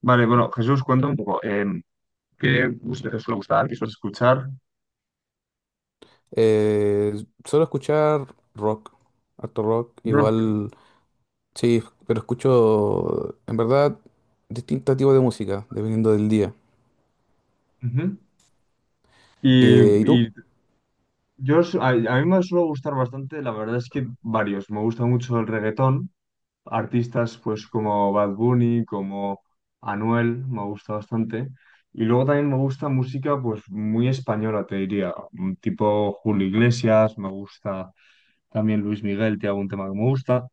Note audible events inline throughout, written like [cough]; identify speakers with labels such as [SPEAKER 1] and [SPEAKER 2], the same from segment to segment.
[SPEAKER 1] Vale, bueno, Jesús, cuenta un poco. ¿Qué usted suele gustar? ¿Qué suele escuchar?
[SPEAKER 2] Eh, Suelo escuchar rock, harto rock,
[SPEAKER 1] Rock.
[SPEAKER 2] igual, sí, pero escucho en verdad distintos tipos de música, dependiendo del día.
[SPEAKER 1] Ujú. Y,
[SPEAKER 2] ¿Y tú?
[SPEAKER 1] y yo, a mí me suele gustar bastante, la verdad es que varios. Me gusta mucho el reggaetón, artistas pues como Bad Bunny, como Anuel, me gusta bastante. Y luego también me gusta música pues muy española, te diría, tipo Julio Iglesias, me gusta también Luis Miguel, tiene algún tema que me gusta.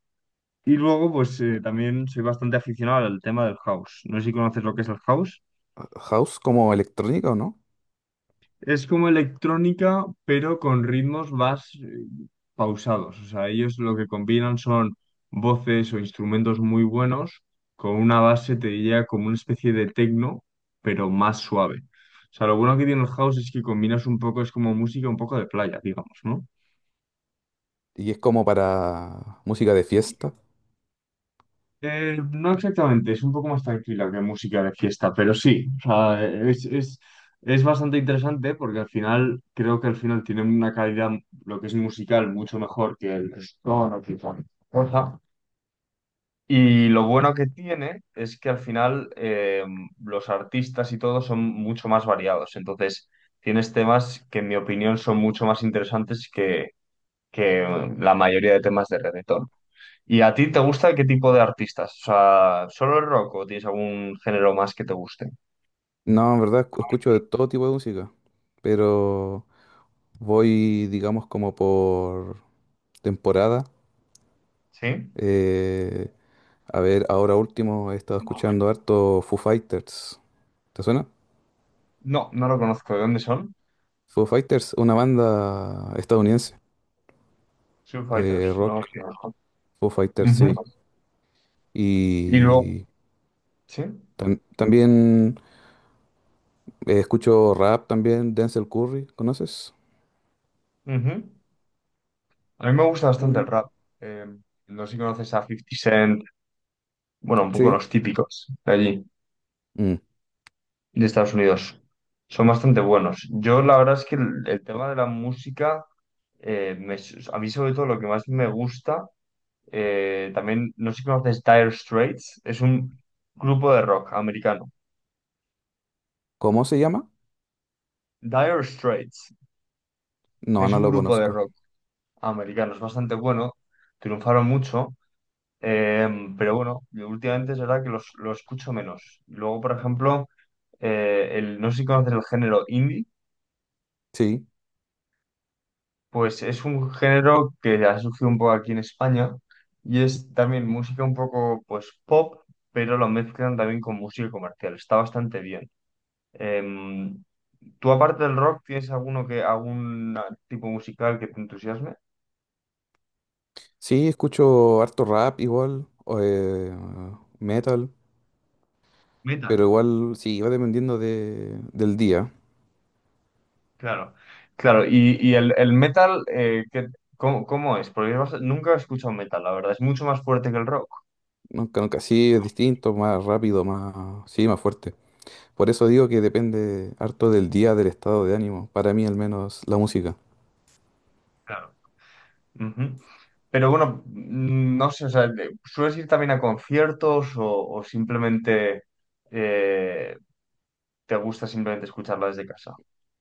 [SPEAKER 1] Y luego, pues también soy bastante aficionado al tema del house. No sé si conoces lo que es el house.
[SPEAKER 2] ¿House como electrónica o no?
[SPEAKER 1] Es como electrónica, pero con ritmos más pausados. O sea, ellos lo que combinan son voces o instrumentos muy buenos con una base, te diría, como una especie de techno, pero más suave. O sea, lo bueno que tiene el house es que combinas un poco, es como música un poco de playa, digamos, ¿no?
[SPEAKER 2] ¿Y es como para música de fiesta?
[SPEAKER 1] No exactamente, es un poco más tranquila que música de fiesta, pero sí, o sea, es bastante interesante porque al final creo que al final tiene una calidad, lo que es musical, mucho mejor que el reggaetón o que cualquier cosa. Y lo bueno que tiene es que al final, los artistas y todo son mucho más variados, entonces tienes temas que en mi opinión son mucho más interesantes que la mayoría de temas de reggaetón. ¿Y a ti te gusta qué tipo de artistas? O sea, ¿solo el rock o tienes algún género más que te guste?
[SPEAKER 2] No, en verdad escucho de todo tipo de música, pero voy, digamos, como por temporada.
[SPEAKER 1] ¿Sí?
[SPEAKER 2] Eh, a ver, ahora último he estado escuchando harto Foo Fighters. ¿Te suena?
[SPEAKER 1] No, no lo conozco. ¿De dónde son?
[SPEAKER 2] Foo Fighters, una banda estadounidense,
[SPEAKER 1] Foo Fighters, no los
[SPEAKER 2] rock,
[SPEAKER 1] conozco.
[SPEAKER 2] Foo Fighters, sí.
[SPEAKER 1] Ujú. Y luego,
[SPEAKER 2] Y
[SPEAKER 1] ¿sí?
[SPEAKER 2] también escucho rap también, Denzel Curry, ¿conoces?
[SPEAKER 1] Ujú. A mí me gusta bastante el
[SPEAKER 2] Mm.
[SPEAKER 1] rap. Eh, no sé si conoces a Fifty Cent, bueno, un poco
[SPEAKER 2] Sí.
[SPEAKER 1] los típicos de allí,
[SPEAKER 2] Mm.
[SPEAKER 1] de Estados Unidos. Son bastante buenos. Yo la verdad es que el tema de la música, eh, me- a mí sobre todo lo que más me gusta. También, no sé si conoces Dire Straits, es un grupo de rock americano.
[SPEAKER 2] ¿Cómo se llama?
[SPEAKER 1] Dire Straits
[SPEAKER 2] No,
[SPEAKER 1] es
[SPEAKER 2] no
[SPEAKER 1] un
[SPEAKER 2] lo
[SPEAKER 1] grupo de
[SPEAKER 2] conozco.
[SPEAKER 1] rock americano, es bastante bueno, triunfaron mucho, eh, pero bueno, yo últimamente es verdad que lo escucho menos. Luego, por ejemplo, no sé si conoces el género indie,
[SPEAKER 2] Sí,
[SPEAKER 1] pues es un género que ha surgido un poco aquí en España y es también música un poco pues pop, pero lo mezclan también con música comercial, está bastante bien. Em, ¿Tú aparte del rock tienes algún tipo musical que te entusiasme?
[SPEAKER 2] sí, escucho harto rap igual, o, metal,
[SPEAKER 1] Metal,
[SPEAKER 2] pero igual sí, va dependiendo de, del día.
[SPEAKER 1] claro. Claro, y el metal, ¿cómo, cómo es? Porque yo nunca he escuchado metal, la verdad, es mucho más fuerte que el rock.
[SPEAKER 2] Nunca, nunca, sí, es distinto, más rápido, más, sí, más fuerte. Por eso digo que depende harto del día, del estado de ánimo, para mí al menos la música.
[SPEAKER 1] Claro. Ujú. Pero bueno, no sé, o sea, ¿sueles ir también a conciertos o simplemente eh, te gusta simplemente escucharla desde casa?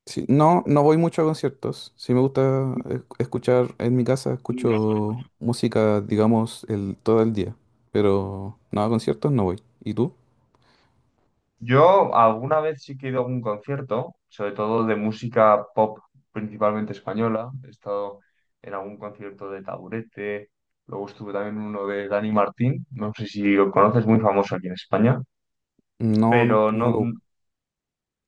[SPEAKER 2] Sí, no, no voy mucho a conciertos. Sí me gusta escuchar en mi casa, escucho música, digamos, el, todo el día. Pero no a conciertos no voy. ¿Y tú?
[SPEAKER 1] Yo alguna vez sí que he ido a algún concierto, sobre todo de música pop, principalmente española. He estado en algún concierto de Taburete, luego estuve también en uno de Dani Martín, no sé si lo conoces, muy famoso aquí en España,
[SPEAKER 2] No, no,
[SPEAKER 1] pero
[SPEAKER 2] no
[SPEAKER 1] no,
[SPEAKER 2] lo busco.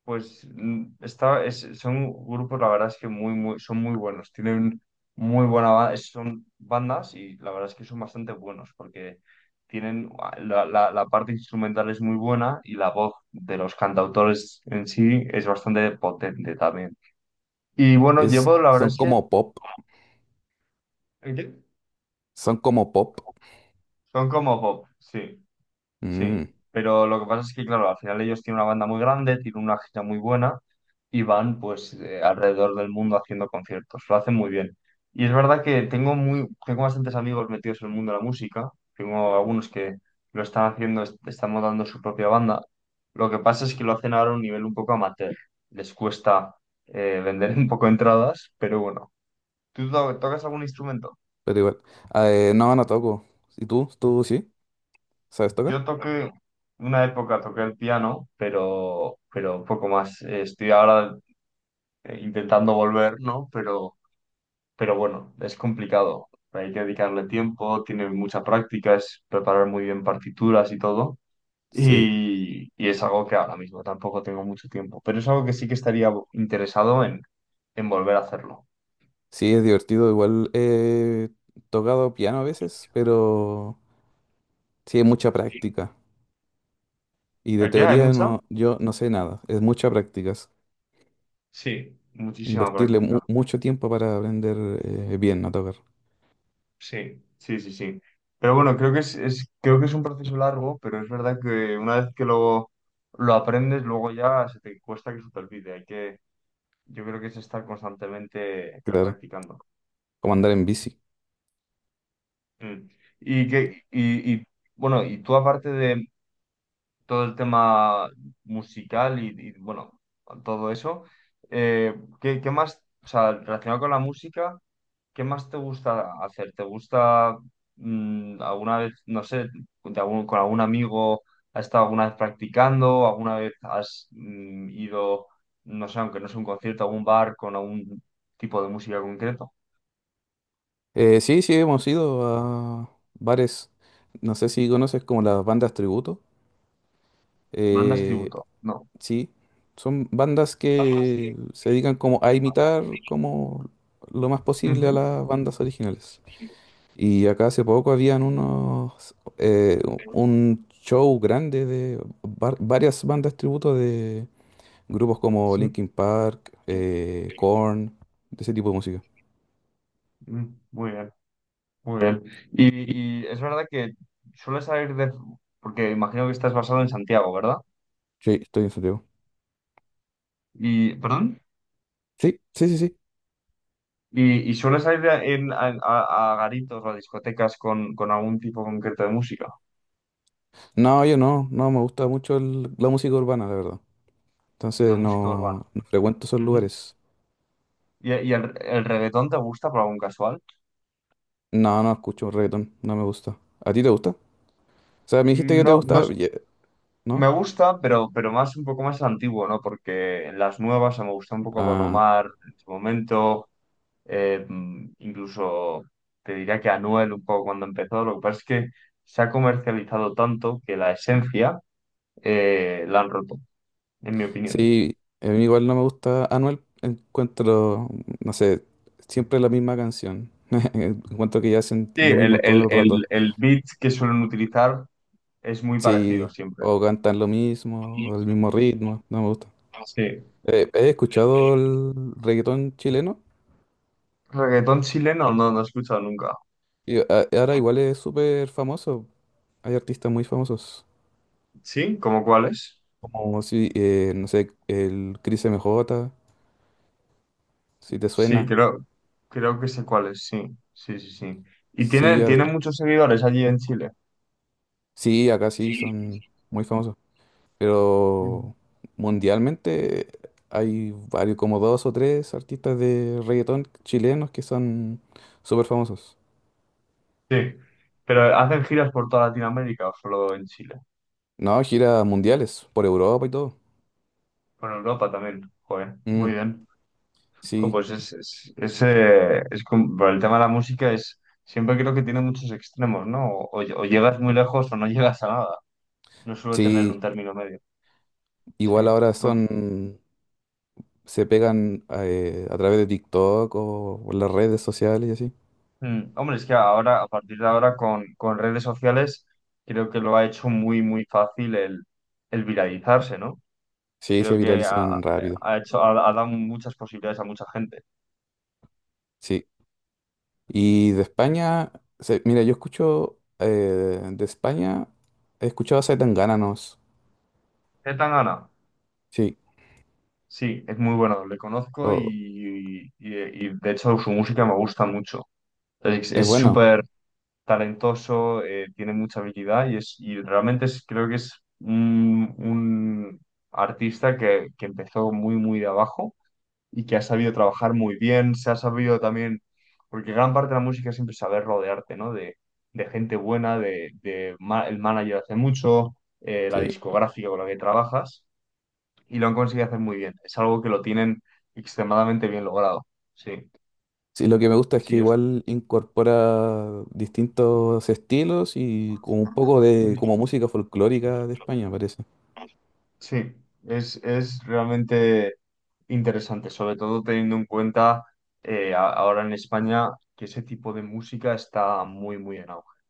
[SPEAKER 1] pues son grupos, la verdad es que muy, muy, son muy buenos, tienen son bandas y la verdad es que son bastante buenos porque tienen la parte instrumental es muy buena y la voz de los cantautores en sí es bastante potente también. Y bueno,
[SPEAKER 2] Es,
[SPEAKER 1] llevo, la verdad
[SPEAKER 2] son
[SPEAKER 1] es que
[SPEAKER 2] como pop, son como pop.
[SPEAKER 1] son como pop, sí. Sí,
[SPEAKER 2] Mm,
[SPEAKER 1] pero lo que pasa es que, claro, al final ellos tienen una banda muy grande, tienen una gira muy buena y van pues alrededor del mundo haciendo conciertos. Lo hacen muy bien. Y es verdad que tengo muy, tengo bastantes amigos metidos en el mundo de la música. Tengo algunos que lo están haciendo, están montando su propia banda. Lo que pasa es que lo hacen ahora a un nivel un poco amateur. Les cuesta [laughs] vender un poco entradas, pero bueno. ¿Tú tocas algún instrumento?
[SPEAKER 2] pero igual. Ah, no, no toco. ¿Y tú? ¿Tú sí? ¿Sabes tocar?
[SPEAKER 1] Yo toqué, una época toqué el piano, pero poco más. Estoy ahora intentando volver, ¿no? Pero bueno, es complicado. Hay que dedicarle tiempo, tiene mucha práctica, es preparar muy bien partituras y todo.
[SPEAKER 2] Sí,
[SPEAKER 1] Y es algo que ahora mismo tampoco tengo mucho tiempo, pero es algo que sí que estaría interesado en volver a hacerlo.
[SPEAKER 2] sí, es divertido. Igual he tocado piano a veces, pero sí, es mucha
[SPEAKER 1] Sí.
[SPEAKER 2] práctica. Y de
[SPEAKER 1] ¿El qué? ¿Hay
[SPEAKER 2] teoría
[SPEAKER 1] mucha?
[SPEAKER 2] no, yo no sé nada. Es mucha práctica. Es
[SPEAKER 1] Sí, muchísima
[SPEAKER 2] invertirle
[SPEAKER 1] práctica.
[SPEAKER 2] mucho tiempo para aprender bien a tocar.
[SPEAKER 1] Sí, sí, sí, sí. Pero bueno, creo que es un proceso largo, pero es verdad que una vez que lo aprendes, luego ya se te cuesta que se te olvide. Hay que, yo creo que es estar constantemente
[SPEAKER 2] Claro.
[SPEAKER 1] practicando.
[SPEAKER 2] Como andar en bici.
[SPEAKER 1] Mm. Y que, y, y, bueno, y tú aparte de todo el tema musical bueno, todo eso, eh, ¿qué, qué más, o sea, relacionado con la música? ¿Qué más te gusta hacer? ¿Te gusta alguna vez, no sé, con algún amigo has estado alguna vez practicando? ¿Alguna vez has ido, no sé, aunque no sea un concierto, a algún bar con algún tipo de música concreto?
[SPEAKER 2] Sí, sí, hemos ido a bares. No sé si conoces como las bandas tributo.
[SPEAKER 1] ¿Bandas
[SPEAKER 2] Eh,
[SPEAKER 1] tributo? No.
[SPEAKER 2] sí, son bandas
[SPEAKER 1] Bandas que...
[SPEAKER 2] que se dedican como a imitar como lo más posible a
[SPEAKER 1] Ujú.
[SPEAKER 2] las bandas originales.
[SPEAKER 1] [laughs]
[SPEAKER 2] Y acá hace poco habían unos, un show grande de varias bandas tributo de grupos como
[SPEAKER 1] Sí.
[SPEAKER 2] Linkin Park, Korn, de ese tipo de música.
[SPEAKER 1] Mm, muy bien, muy bien. Y es verdad que suele salir de... Porque imagino que estás basado en Santiago, ¿verdad?
[SPEAKER 2] Sí, estoy en Santiago.
[SPEAKER 1] Y, ¿perdón?
[SPEAKER 2] Sí, sí, sí, sí.
[SPEAKER 1] Y sueles ir a garitos o a discotecas con algún tipo concreto de música?
[SPEAKER 2] No, yo no, no me gusta mucho la música urbana, la verdad.
[SPEAKER 1] La
[SPEAKER 2] Entonces
[SPEAKER 1] música urbana.
[SPEAKER 2] no, no frecuento esos
[SPEAKER 1] Ujú.
[SPEAKER 2] lugares.
[SPEAKER 1] Y el reggaetón te gusta por algún casual?
[SPEAKER 2] No, no escucho reggaetón, no me gusta. ¿A ti te gusta? O sea, me dijiste que te
[SPEAKER 1] No,
[SPEAKER 2] gusta, ye- ¿no?
[SPEAKER 1] me gusta, pero más un poco más antiguo, ¿no? Porque en las nuevas, o sea, me gusta un poco Don
[SPEAKER 2] Ah,
[SPEAKER 1] Omar en su momento, incluso te diría que Anuel un poco cuando empezó. Lo que pasa es que se ha comercializado tanto que la esencia la han roto, en mi opinión.
[SPEAKER 2] sí, a mí igual no me gusta Anuel, encuentro, no sé, siempre la misma canción. [laughs] Encuentro que ya hacen
[SPEAKER 1] Sí,
[SPEAKER 2] lo mismo todo el rato.
[SPEAKER 1] el beat que suelen utilizar es muy parecido
[SPEAKER 2] Sí,
[SPEAKER 1] siempre.
[SPEAKER 2] o cantan lo mismo, o el mismo ritmo, no me gusta.
[SPEAKER 1] Sí.
[SPEAKER 2] He escuchado el reggaetón chileno
[SPEAKER 1] Reggaetón chileno no, no he escuchado nunca.
[SPEAKER 2] y ahora igual es súper famoso. Hay artistas muy famosos,
[SPEAKER 1] ¿Sí? ¿Cómo cuál es?
[SPEAKER 2] como si, no sé, el Cris MJ, si te
[SPEAKER 1] Sí,
[SPEAKER 2] suena.
[SPEAKER 1] creo, creo que sé cuál es, sí. Sí, sí, sí. Y tiene,
[SPEAKER 2] Sí, ahora-
[SPEAKER 1] tiene muchos seguidores allí en Chile.
[SPEAKER 2] sí, acá sí
[SPEAKER 1] Sí.
[SPEAKER 2] son muy famosos.
[SPEAKER 1] Ujú.
[SPEAKER 2] Pero mundialmente hay varios, como dos o tres artistas de reggaetón chilenos que son súper famosos.
[SPEAKER 1] Sí. Pero hacen giras por toda Latinoamérica o solo en Chile.
[SPEAKER 2] No, giras mundiales por Europa y todo.
[SPEAKER 1] Por Europa también. Joder,
[SPEAKER 2] Mm,
[SPEAKER 1] muy bien. Jo,
[SPEAKER 2] sí,
[SPEAKER 1] pues por el tema de la música es siempre creo que tiene muchos extremos, ¿no? O llegas muy lejos o no [laughs] llegas a nada. No suele tener un
[SPEAKER 2] sí.
[SPEAKER 1] término medio. Sí.
[SPEAKER 2] Igual ahora
[SPEAKER 1] Bueno,
[SPEAKER 2] son, se pegan a través de TikTok o por las redes sociales y así.
[SPEAKER 1] mm, hombre, es que ahora, a partir de ahora, con redes sociales, creo que lo ha hecho muy, muy fácil el viralizarse, ¿no?
[SPEAKER 2] Sí, se
[SPEAKER 1] Creo que
[SPEAKER 2] viralizan rápido.
[SPEAKER 1] ha dado muchas posibilidades a mucha gente.
[SPEAKER 2] Sí. Y de España, se- mira, yo escucho de España, he escuchado a Zetangana, ¿no?
[SPEAKER 1] ¿Qué tan gana?
[SPEAKER 2] Sí.
[SPEAKER 1] Sí, es muy bueno, le conozco y,
[SPEAKER 2] O,
[SPEAKER 1] y y, de hecho, su música me gusta mucho.
[SPEAKER 2] es
[SPEAKER 1] Es
[SPEAKER 2] bueno,
[SPEAKER 1] súper talentoso, tiene mucha habilidad y realmente creo que es un artista que empezó muy, muy de abajo y que ha sabido trabajar muy bien, se ha sabido también, porque gran parte de la música es siempre saber rodearte, ¿no? De gente buena, el manager hace mucho, la
[SPEAKER 2] sí.
[SPEAKER 1] discográfica con la que trabajas y lo han conseguido hacer muy bien. Es algo que lo tienen extremadamente bien logrado. Sí,
[SPEAKER 2] Sí, lo que me gusta es
[SPEAKER 1] sí,
[SPEAKER 2] que
[SPEAKER 1] yo.
[SPEAKER 2] igual incorpora distintos estilos y como un poco de como música folclórica de España, parece.
[SPEAKER 1] Sí, es realmente interesante, sobre todo teniendo en cuenta ahora en España que ese tipo de música está muy, muy en auge.